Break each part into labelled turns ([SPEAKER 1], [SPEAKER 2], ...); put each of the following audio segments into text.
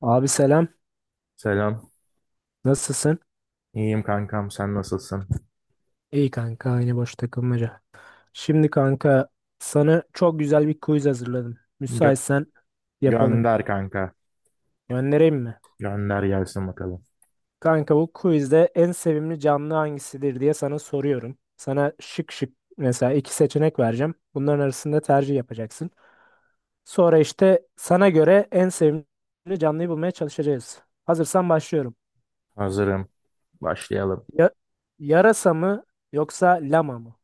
[SPEAKER 1] Abi selam.
[SPEAKER 2] Selam.
[SPEAKER 1] Nasılsın?
[SPEAKER 2] İyiyim kankam. Sen nasılsın?
[SPEAKER 1] İyi kanka, aynı boş takılmaca. Şimdi kanka, sana çok güzel bir quiz hazırladım.
[SPEAKER 2] Gö-
[SPEAKER 1] Müsaitsen yapalım.
[SPEAKER 2] gönder kanka.
[SPEAKER 1] Göndereyim mi?
[SPEAKER 2] Gönder gelsin bakalım.
[SPEAKER 1] Kanka, bu quizde en sevimli canlı hangisidir diye sana soruyorum. Sana şık şık mesela iki seçenek vereceğim. Bunların arasında tercih yapacaksın. Sonra işte sana göre en sevimli canlıyı bulmaya çalışacağız. Hazırsan başlıyorum.
[SPEAKER 2] Hazırım. Başlayalım.
[SPEAKER 1] Ya- Yarasa mı yoksa lama mı?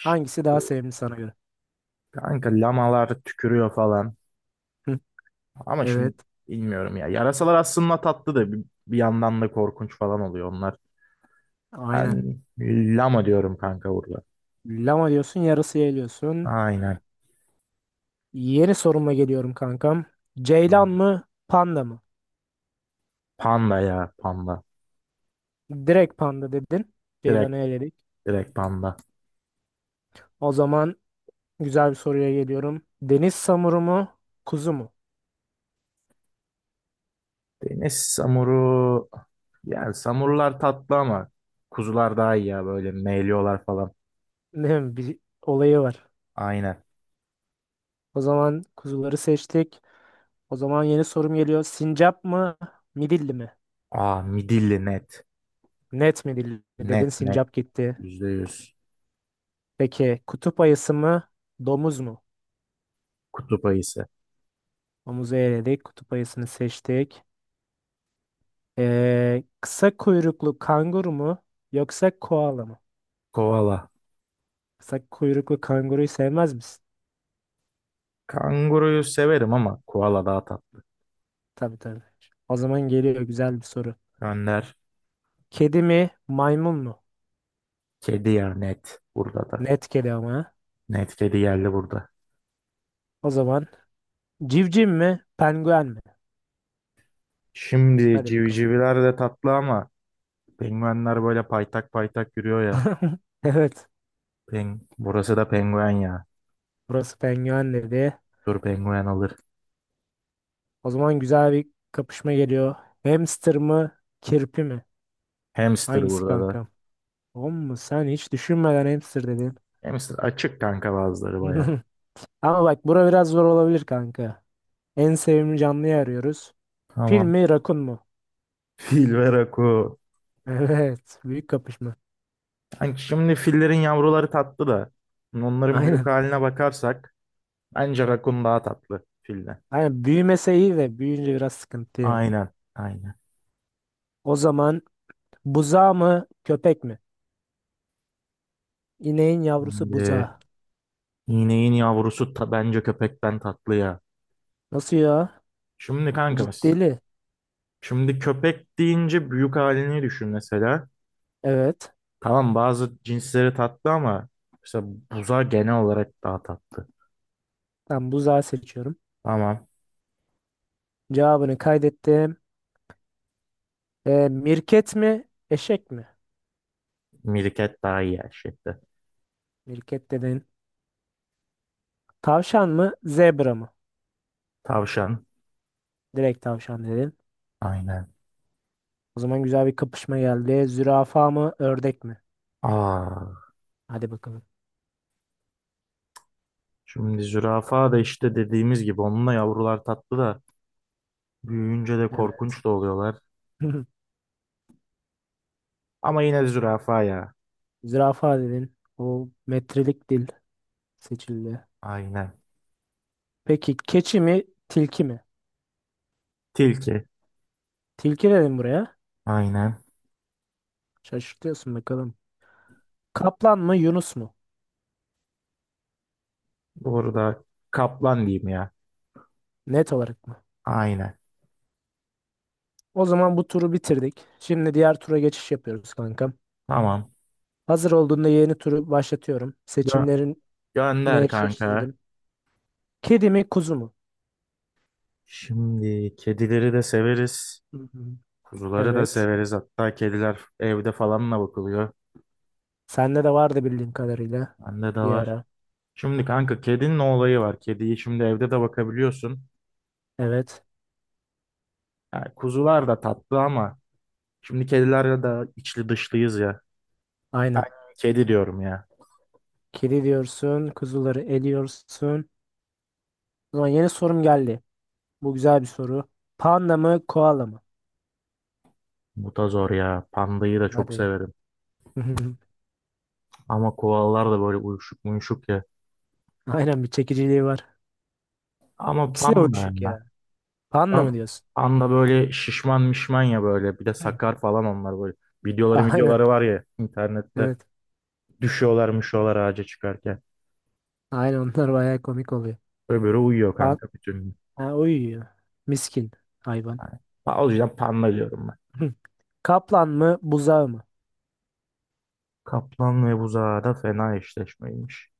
[SPEAKER 1] Hangisi daha sevimli sana göre?
[SPEAKER 2] kanka lamalar tükürüyor falan.
[SPEAKER 1] Hı,
[SPEAKER 2] Ama şimdi
[SPEAKER 1] evet.
[SPEAKER 2] bilmiyorum ya. Yarasalar aslında tatlı da bir yandan da korkunç falan oluyor onlar.
[SPEAKER 1] Aynen.
[SPEAKER 2] Ben lama diyorum kanka burada.
[SPEAKER 1] Lama diyorsun, yarısı geliyorsun.
[SPEAKER 2] Aynen.
[SPEAKER 1] Yeni soruma geliyorum kankam. Ceylan mı, panda mı?
[SPEAKER 2] Panda ya panda.
[SPEAKER 1] Direkt panda dedin.
[SPEAKER 2] Direkt
[SPEAKER 1] Ceylan'ı eledik.
[SPEAKER 2] direkt panda.
[SPEAKER 1] O zaman güzel bir soruya geliyorum. Deniz samuru mu, kuzu mu?
[SPEAKER 2] Deniz samuru. Yani samurlar tatlı ama kuzular daha iyi ya böyle meyliyorlar falan.
[SPEAKER 1] Ne bir olayı var.
[SPEAKER 2] Aynen.
[SPEAKER 1] O zaman kuzuları seçtik. O zaman yeni sorum geliyor. Sincap mı, midilli mi?
[SPEAKER 2] Aa, midilli net.
[SPEAKER 1] Net midilli dedin,
[SPEAKER 2] Net net.
[SPEAKER 1] sincap gitti.
[SPEAKER 2] Yüzde yüz.
[SPEAKER 1] Peki kutup ayısı mı, domuz mu?
[SPEAKER 2] Kutup ayısı.
[SPEAKER 1] Domuzu eledik. Kutup ayısını seçtik. Kısa kuyruklu kanguru mu yoksa koala mı?
[SPEAKER 2] Koala.
[SPEAKER 1] Kısa kuyruklu kanguruyu sevmez misin?
[SPEAKER 2] Kanguruyu severim ama koala daha tatlı.
[SPEAKER 1] Tabii tabii. O zaman geliyor güzel bir soru.
[SPEAKER 2] Önder.
[SPEAKER 1] Kedi mi, maymun mu?
[SPEAKER 2] Kedi ya net. Burada da.
[SPEAKER 1] Net kedi ama. Ha.
[SPEAKER 2] Net kedi yerli burada.
[SPEAKER 1] O zaman civciv mi, penguen mi?
[SPEAKER 2] Şimdi
[SPEAKER 1] Hadi bakalım.
[SPEAKER 2] civcivler de tatlı ama penguenler böyle paytak paytak yürüyor ya.
[SPEAKER 1] Evet.
[SPEAKER 2] Burası da penguen ya.
[SPEAKER 1] Burası penguen dedi.
[SPEAKER 2] Dur penguen alır.
[SPEAKER 1] O zaman güzel bir kapışma geliyor. Hamster mı, kirpi mi?
[SPEAKER 2] Hamster
[SPEAKER 1] Hangisi
[SPEAKER 2] burada da.
[SPEAKER 1] kankam? Oğlum, sen hiç düşünmeden hamster dedin.
[SPEAKER 2] Hamster açık kanka bazıları baya.
[SPEAKER 1] Ama bak, bura biraz zor olabilir kanka. En sevimli canlıyı arıyoruz. Fil
[SPEAKER 2] Tamam.
[SPEAKER 1] mi, rakun mu?
[SPEAKER 2] Fil ve raku.
[SPEAKER 1] Evet, büyük kapışma.
[SPEAKER 2] Hani şimdi fillerin yavruları tatlı da hani onların büyük
[SPEAKER 1] Aynen.
[SPEAKER 2] haline bakarsak bence rakun daha tatlı filden.
[SPEAKER 1] Aynen, büyümese iyi de büyüyünce biraz sıkıntı ya.
[SPEAKER 2] Aynen, aynen.
[SPEAKER 1] O zaman buzağı mı, köpek mi? İneğin yavrusu
[SPEAKER 2] Şimdi
[SPEAKER 1] buzağı.
[SPEAKER 2] ineğin yavrusu bence köpekten tatlı ya.
[SPEAKER 1] Nasıl ya?
[SPEAKER 2] Şimdi kankamız.
[SPEAKER 1] Ciddili.
[SPEAKER 2] Şimdi köpek deyince büyük halini düşün mesela.
[SPEAKER 1] Evet.
[SPEAKER 2] Tamam bazı cinsleri tatlı ama mesela buza genel olarak daha tatlı.
[SPEAKER 1] Ben buzağı seçiyorum.
[SPEAKER 2] Tamam.
[SPEAKER 1] Cevabını kaydettim. Mirket mi, eşek mi?
[SPEAKER 2] Mirket daha iyi her şeyde.
[SPEAKER 1] Mirket dedin. Tavşan mı, zebra mı?
[SPEAKER 2] Tavşan.
[SPEAKER 1] Direkt tavşan dedin.
[SPEAKER 2] Aynen.
[SPEAKER 1] O zaman güzel bir kapışma geldi. Zürafa mı, ördek mi?
[SPEAKER 2] Aa.
[SPEAKER 1] Hadi bakalım.
[SPEAKER 2] Şimdi zürafa da işte dediğimiz gibi onunla yavrular tatlı da büyüyünce de
[SPEAKER 1] Evet.
[SPEAKER 2] korkunç da oluyorlar. Ama yine zürafa ya.
[SPEAKER 1] Zürafa dedin. O metrelik dil seçildi.
[SPEAKER 2] Aynen.
[SPEAKER 1] Peki keçi mi, tilki mi?
[SPEAKER 2] Tilki.
[SPEAKER 1] Tilki dedim buraya.
[SPEAKER 2] Aynen.
[SPEAKER 1] Şaşırtıyorsun bakalım. Kaplan mı, Yunus mu?
[SPEAKER 2] Doğru da kaplan diyeyim ya.
[SPEAKER 1] Net olarak mı?
[SPEAKER 2] Aynen.
[SPEAKER 1] O zaman bu turu bitirdik. Şimdi diğer tura geçiş yapıyoruz kankam.
[SPEAKER 2] Tamam.
[SPEAKER 1] Hazır olduğunda yeni turu başlatıyorum.
[SPEAKER 2] Gö-
[SPEAKER 1] Seçimlerini
[SPEAKER 2] gönder kanka.
[SPEAKER 1] eşleştirdim. Kedi mi, kuzu mu?
[SPEAKER 2] Şimdi kedileri de severiz.
[SPEAKER 1] Hı hı.
[SPEAKER 2] Kuzuları da
[SPEAKER 1] Evet.
[SPEAKER 2] severiz. Hatta kediler evde falanla bakılıyor.
[SPEAKER 1] Sende de vardı bildiğim kadarıyla.
[SPEAKER 2] Bende de
[SPEAKER 1] Bir
[SPEAKER 2] var.
[SPEAKER 1] ara.
[SPEAKER 2] Şimdi kanka kedinin olayı var. Kediyi şimdi evde de bakabiliyorsun.
[SPEAKER 1] Evet.
[SPEAKER 2] Yani kuzular da tatlı ama şimdi kedilerle de içli dışlıyız ya. Ay,
[SPEAKER 1] Aynen.
[SPEAKER 2] kedi diyorum ya.
[SPEAKER 1] Kedi diyorsun. Kuzuları eliyorsun. O zaman yeni sorum geldi. Bu güzel bir soru. Panda mı, koala mı?
[SPEAKER 2] Mutazor ya. Pandayı da çok
[SPEAKER 1] Hadi.
[SPEAKER 2] severim. Ama koalalar da böyle uyuşuk muyuşuk ya.
[SPEAKER 1] Aynen, bir çekiciliği var.
[SPEAKER 2] Ama
[SPEAKER 1] İkisi de
[SPEAKER 2] panda
[SPEAKER 1] uyuşuk
[SPEAKER 2] ya.
[SPEAKER 1] ya. Panda mı
[SPEAKER 2] Pan-
[SPEAKER 1] diyorsun?
[SPEAKER 2] Panda böyle şişman mişman ya böyle. Bir de
[SPEAKER 1] Hı.
[SPEAKER 2] sakar falan onlar böyle. Videoları
[SPEAKER 1] Aynen.
[SPEAKER 2] videoları var ya internette.
[SPEAKER 1] Evet.
[SPEAKER 2] Düşüyorlar müşüyorlar ağaca çıkarken.
[SPEAKER 1] Aynen, onlar bayağı komik oluyor.
[SPEAKER 2] Böyle böyle uyuyor
[SPEAKER 1] Pan
[SPEAKER 2] kanka bütün gün.
[SPEAKER 1] ha, uyuyor. Miskin hayvan.
[SPEAKER 2] Yani, o yüzden panda diyorum ben.
[SPEAKER 1] Hı. Kaplan mı, buzağı mı?
[SPEAKER 2] Kaplan ve buzağı da fena eşleşmeymiş.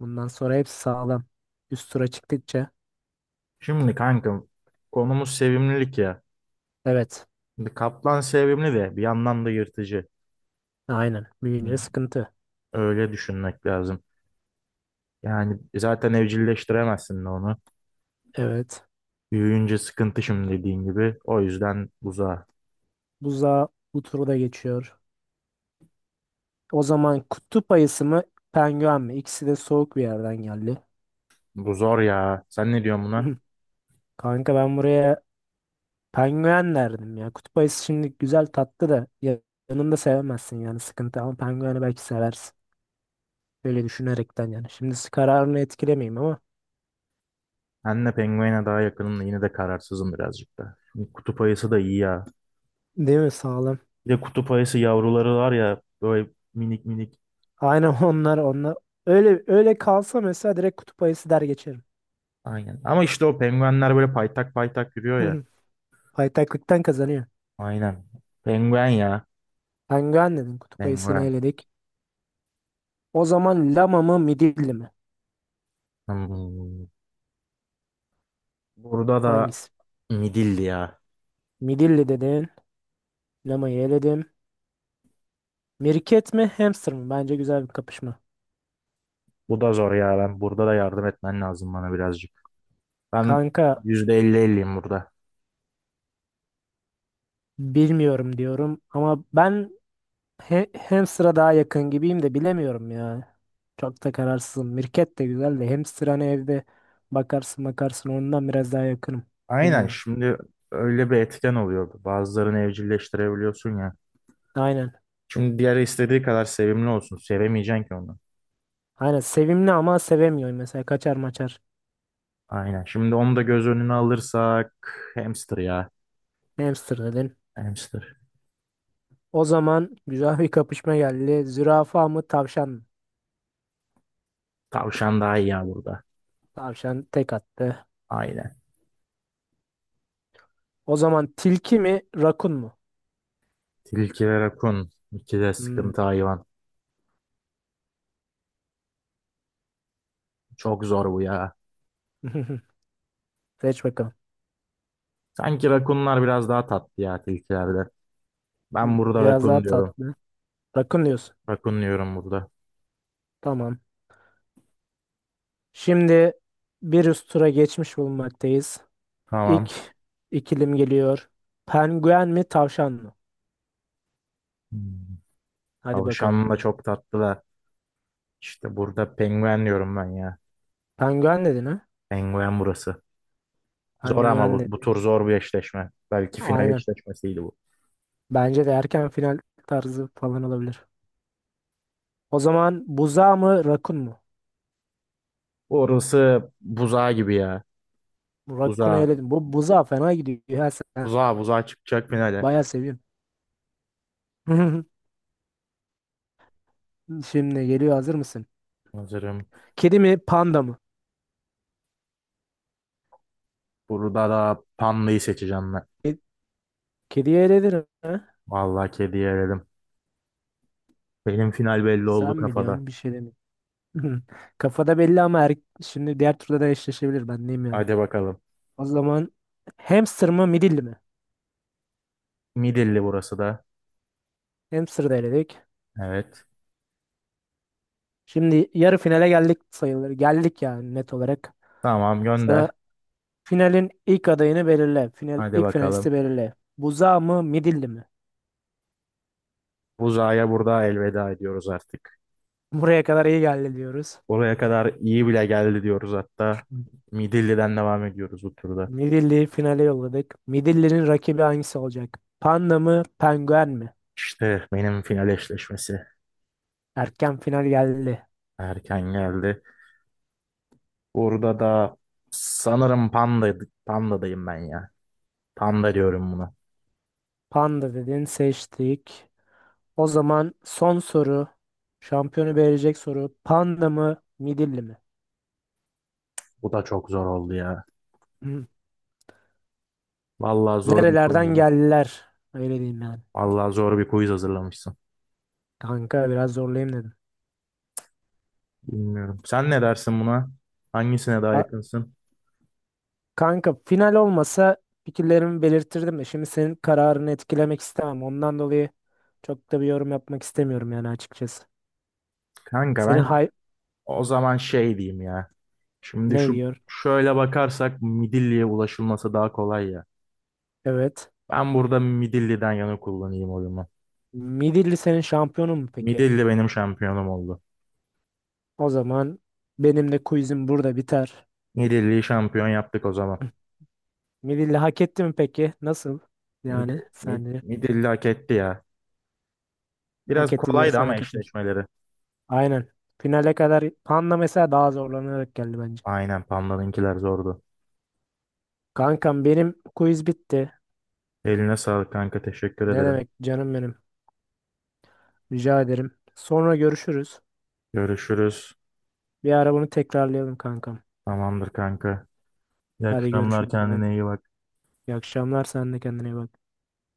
[SPEAKER 1] Bundan sonra hepsi sağlam. Üst tura çıktıkça.
[SPEAKER 2] Şimdi kanka konumuz sevimlilik ya.
[SPEAKER 1] Evet.
[SPEAKER 2] Şimdi kaplan sevimli de bir yandan da yırtıcı.
[SPEAKER 1] Aynen.
[SPEAKER 2] Hı,
[SPEAKER 1] Büyüyünce sıkıntı.
[SPEAKER 2] öyle düşünmek lazım. Yani zaten evcilleştiremezsin de onu.
[SPEAKER 1] Evet.
[SPEAKER 2] Büyüyünce sıkıntı şimdi dediğin gibi. O yüzden buzağa.
[SPEAKER 1] Buzağı bu turu da geçiyor. O zaman kutup ayısı mı, penguen mi? İkisi de soğuk bir yerden geldi.
[SPEAKER 2] Bu zor ya. Sen ne diyorsun buna?
[SPEAKER 1] Kanka ben buraya penguen derdim ya. Kutup ayısı şimdi güzel tatlı da yanında sevemezsin yani sıkıntı, ama pengueni belki seversin. Böyle düşünerekten yani. Şimdi kararını etkilemeyeyim ama
[SPEAKER 2] Ben penguene daha yakınım da yine de kararsızım birazcık da. Şimdi kutup ayısı da iyi ya.
[SPEAKER 1] değil mi sağlam.
[SPEAKER 2] Bir de kutup ayısı yavruları var ya böyle minik minik.
[SPEAKER 1] Aynen onlar, öyle öyle kalsa mesela direkt kutup ayısı der geçerim.
[SPEAKER 2] Aynen. Ama işte o penguenler böyle paytak paytak yürüyor ya.
[SPEAKER 1] Paytaklıktan kazanıyor.
[SPEAKER 2] Aynen. Penguen ya.
[SPEAKER 1] Penguen dedin, kutup ayısını
[SPEAKER 2] Penguen.
[SPEAKER 1] eledik. O zaman lama mı, midilli mi?
[SPEAKER 2] Hmm. Burada da
[SPEAKER 1] Hangisi?
[SPEAKER 2] midilli ya.
[SPEAKER 1] Midilli dedin. Lamayı eledim. Mirket mi, hamster mı? Bence güzel bir kapışma.
[SPEAKER 2] Bu da zor ya. Ben burada da yardım etmen lazım bana birazcık. Ben
[SPEAKER 1] Kanka,
[SPEAKER 2] %50-50'yim burada.
[SPEAKER 1] bilmiyorum diyorum ama ben hamster'a daha yakın gibiyim de bilemiyorum ya. Çok da kararsızım. Mirket de güzel de hamster hani evde bakarsın ondan biraz daha yakınım.
[SPEAKER 2] Aynen
[SPEAKER 1] Bilmiyorum.
[SPEAKER 2] şimdi öyle bir etken oluyor. Bazılarını evcilleştirebiliyorsun ya.
[SPEAKER 1] Aynen.
[SPEAKER 2] Şimdi diğer istediği kadar sevimli olsun. Sevemeyeceksin ki onu.
[SPEAKER 1] Aynen sevimli ama sevemiyorum. Mesela kaçar maçar
[SPEAKER 2] Aynen. Şimdi onu da göz önüne alırsak hamster ya.
[SPEAKER 1] hamster dedin.
[SPEAKER 2] Hamster.
[SPEAKER 1] O zaman güzel bir kapışma geldi. Zürafa mı, tavşan mı?
[SPEAKER 2] Tavşan daha iyi ya burada.
[SPEAKER 1] Tavşan tek attı.
[SPEAKER 2] Aynen.
[SPEAKER 1] O zaman tilki mi, rakun mu?
[SPEAKER 2] Tilki ve rakun. İki de
[SPEAKER 1] Hmm.
[SPEAKER 2] sıkıntı hayvan. Çok zor bu ya.
[SPEAKER 1] Seç bakalım.
[SPEAKER 2] Sanki rakunlar biraz daha tatlı ya tilkilerde. Ben burada
[SPEAKER 1] Biraz daha
[SPEAKER 2] rakun diyorum.
[SPEAKER 1] tatlı. Rakun diyorsun.
[SPEAKER 2] Rakun diyorum burada.
[SPEAKER 1] Tamam. Şimdi bir üst tura geçmiş bulunmaktayız.
[SPEAKER 2] Tamam.
[SPEAKER 1] İlk ikilim geliyor. Penguen mi, tavşan mı?
[SPEAKER 2] Hmm.
[SPEAKER 1] Hadi bakalım.
[SPEAKER 2] Tavşan da çok tatlı da. İşte burada penguen diyorum ben ya.
[SPEAKER 1] Penguen dedin ha?
[SPEAKER 2] Penguen burası. Zor ama
[SPEAKER 1] Penguen
[SPEAKER 2] bu
[SPEAKER 1] dedin.
[SPEAKER 2] tur zor bir eşleşme. Belki final
[SPEAKER 1] Aynen.
[SPEAKER 2] eşleşmesiydi bu.
[SPEAKER 1] Bence de erken final tarzı falan olabilir. O zaman buza mı, rakun mu?
[SPEAKER 2] Orası buzağı gibi ya.
[SPEAKER 1] Rakun'u
[SPEAKER 2] Buzağı,
[SPEAKER 1] eledim. Bu buza fena gidiyor. Ya sen
[SPEAKER 2] buzağı, buzağı çıkacak finale.
[SPEAKER 1] bayağı seviyorum. Şimdi geliyor, hazır mısın?
[SPEAKER 2] Hazırım.
[SPEAKER 1] Kedi mi, panda mı?
[SPEAKER 2] Burada da pandayı seçeceğim ben.
[SPEAKER 1] Kediye eledim ha?
[SPEAKER 2] Vallahi kediyi eledim. Benim final belli oldu
[SPEAKER 1] Sen
[SPEAKER 2] kafada.
[SPEAKER 1] biliyorsun, bir şey demiyorum. Hı. Kafada belli ama şimdi diğer turda da eşleşebilir ben diyeyim yani.
[SPEAKER 2] Hadi bakalım.
[SPEAKER 1] O zaman hamster mı, midilli mi?
[SPEAKER 2] Midilli burası da.
[SPEAKER 1] Hamster da eledik.
[SPEAKER 2] Evet.
[SPEAKER 1] Şimdi yarı finale geldik sayılır. Geldik yani net olarak.
[SPEAKER 2] Tamam
[SPEAKER 1] Sana
[SPEAKER 2] gönder.
[SPEAKER 1] finalin ilk adayını belirle. Final
[SPEAKER 2] Hadi
[SPEAKER 1] ilk
[SPEAKER 2] bakalım.
[SPEAKER 1] finalisti belirle. Buza mı, midilli mi?
[SPEAKER 2] Buzağa burada elveda ediyoruz artık.
[SPEAKER 1] Buraya kadar iyi geldi diyoruz.
[SPEAKER 2] Oraya kadar iyi bile geldi diyoruz hatta. Midilli'den devam ediyoruz bu turda.
[SPEAKER 1] Midilli'yi finale yolladık. Midilli'nin rakibi hangisi olacak? Panda mı, penguen mi?
[SPEAKER 2] İşte benim final eşleşmesi
[SPEAKER 1] Erken final geldi.
[SPEAKER 2] erken geldi. Burada da sanırım Panda'dayım ben ya. Panda diyorum buna.
[SPEAKER 1] Panda dedin, seçtik. O zaman son soru. Şampiyonu belirleyecek soru. Panda mı, Midilli mi?
[SPEAKER 2] Bu da çok zor oldu ya.
[SPEAKER 1] Hı.
[SPEAKER 2] Vallahi zor bir
[SPEAKER 1] Nerelerden
[SPEAKER 2] quizmiş.
[SPEAKER 1] geldiler? Öyle diyeyim yani.
[SPEAKER 2] Vallahi zor bir quiz hazırlamışsın.
[SPEAKER 1] Kanka, biraz zorlayayım dedim.
[SPEAKER 2] Bilmiyorum. Sen ne dersin buna? Hangisine daha
[SPEAKER 1] A-
[SPEAKER 2] yakınsın?
[SPEAKER 1] Kanka, final olmasa fikirlerimi belirtirdim de şimdi senin kararını etkilemek istemem. Ondan dolayı çok da bir yorum yapmak istemiyorum yani açıkçası.
[SPEAKER 2] Kanka
[SPEAKER 1] Senin
[SPEAKER 2] ben
[SPEAKER 1] hay
[SPEAKER 2] o zaman şey diyeyim ya. Şimdi
[SPEAKER 1] ne diyor?
[SPEAKER 2] şöyle bakarsak Midilli'ye ulaşılması daha kolay ya.
[SPEAKER 1] Evet.
[SPEAKER 2] Ben burada Midilli'den yana kullanayım oyumu.
[SPEAKER 1] Midilli senin şampiyonun mu peki?
[SPEAKER 2] Midilli benim şampiyonum oldu.
[SPEAKER 1] O zaman benim de quizim burada biter.
[SPEAKER 2] Midilli'yi şampiyon yaptık o zaman.
[SPEAKER 1] Midilli hak etti mi peki? Nasıl?
[SPEAKER 2] Midi,
[SPEAKER 1] Yani sence?
[SPEAKER 2] Midilli hak etti ya.
[SPEAKER 1] Hak
[SPEAKER 2] Biraz
[SPEAKER 1] etti
[SPEAKER 2] kolaydı
[SPEAKER 1] diyorsan
[SPEAKER 2] ama
[SPEAKER 1] hak etmiş.
[SPEAKER 2] eşleşmeleri.
[SPEAKER 1] Aynen. Finale kadar Panda mesela daha zorlanarak geldi bence.
[SPEAKER 2] Aynen Panda'nınkiler zordu.
[SPEAKER 1] Kankam, benim quiz bitti.
[SPEAKER 2] Eline sağlık kanka teşekkür
[SPEAKER 1] Ne
[SPEAKER 2] ederim.
[SPEAKER 1] demek canım benim. Rica ederim. Sonra görüşürüz.
[SPEAKER 2] Görüşürüz.
[SPEAKER 1] Bir ara bunu tekrarlayalım kankam.
[SPEAKER 2] Tamamdır kanka. İyi
[SPEAKER 1] Hadi
[SPEAKER 2] akşamlar,
[SPEAKER 1] görüşürüz. Bye.
[SPEAKER 2] kendine iyi bak.
[SPEAKER 1] İyi akşamlar. Sen de kendine iyi bak.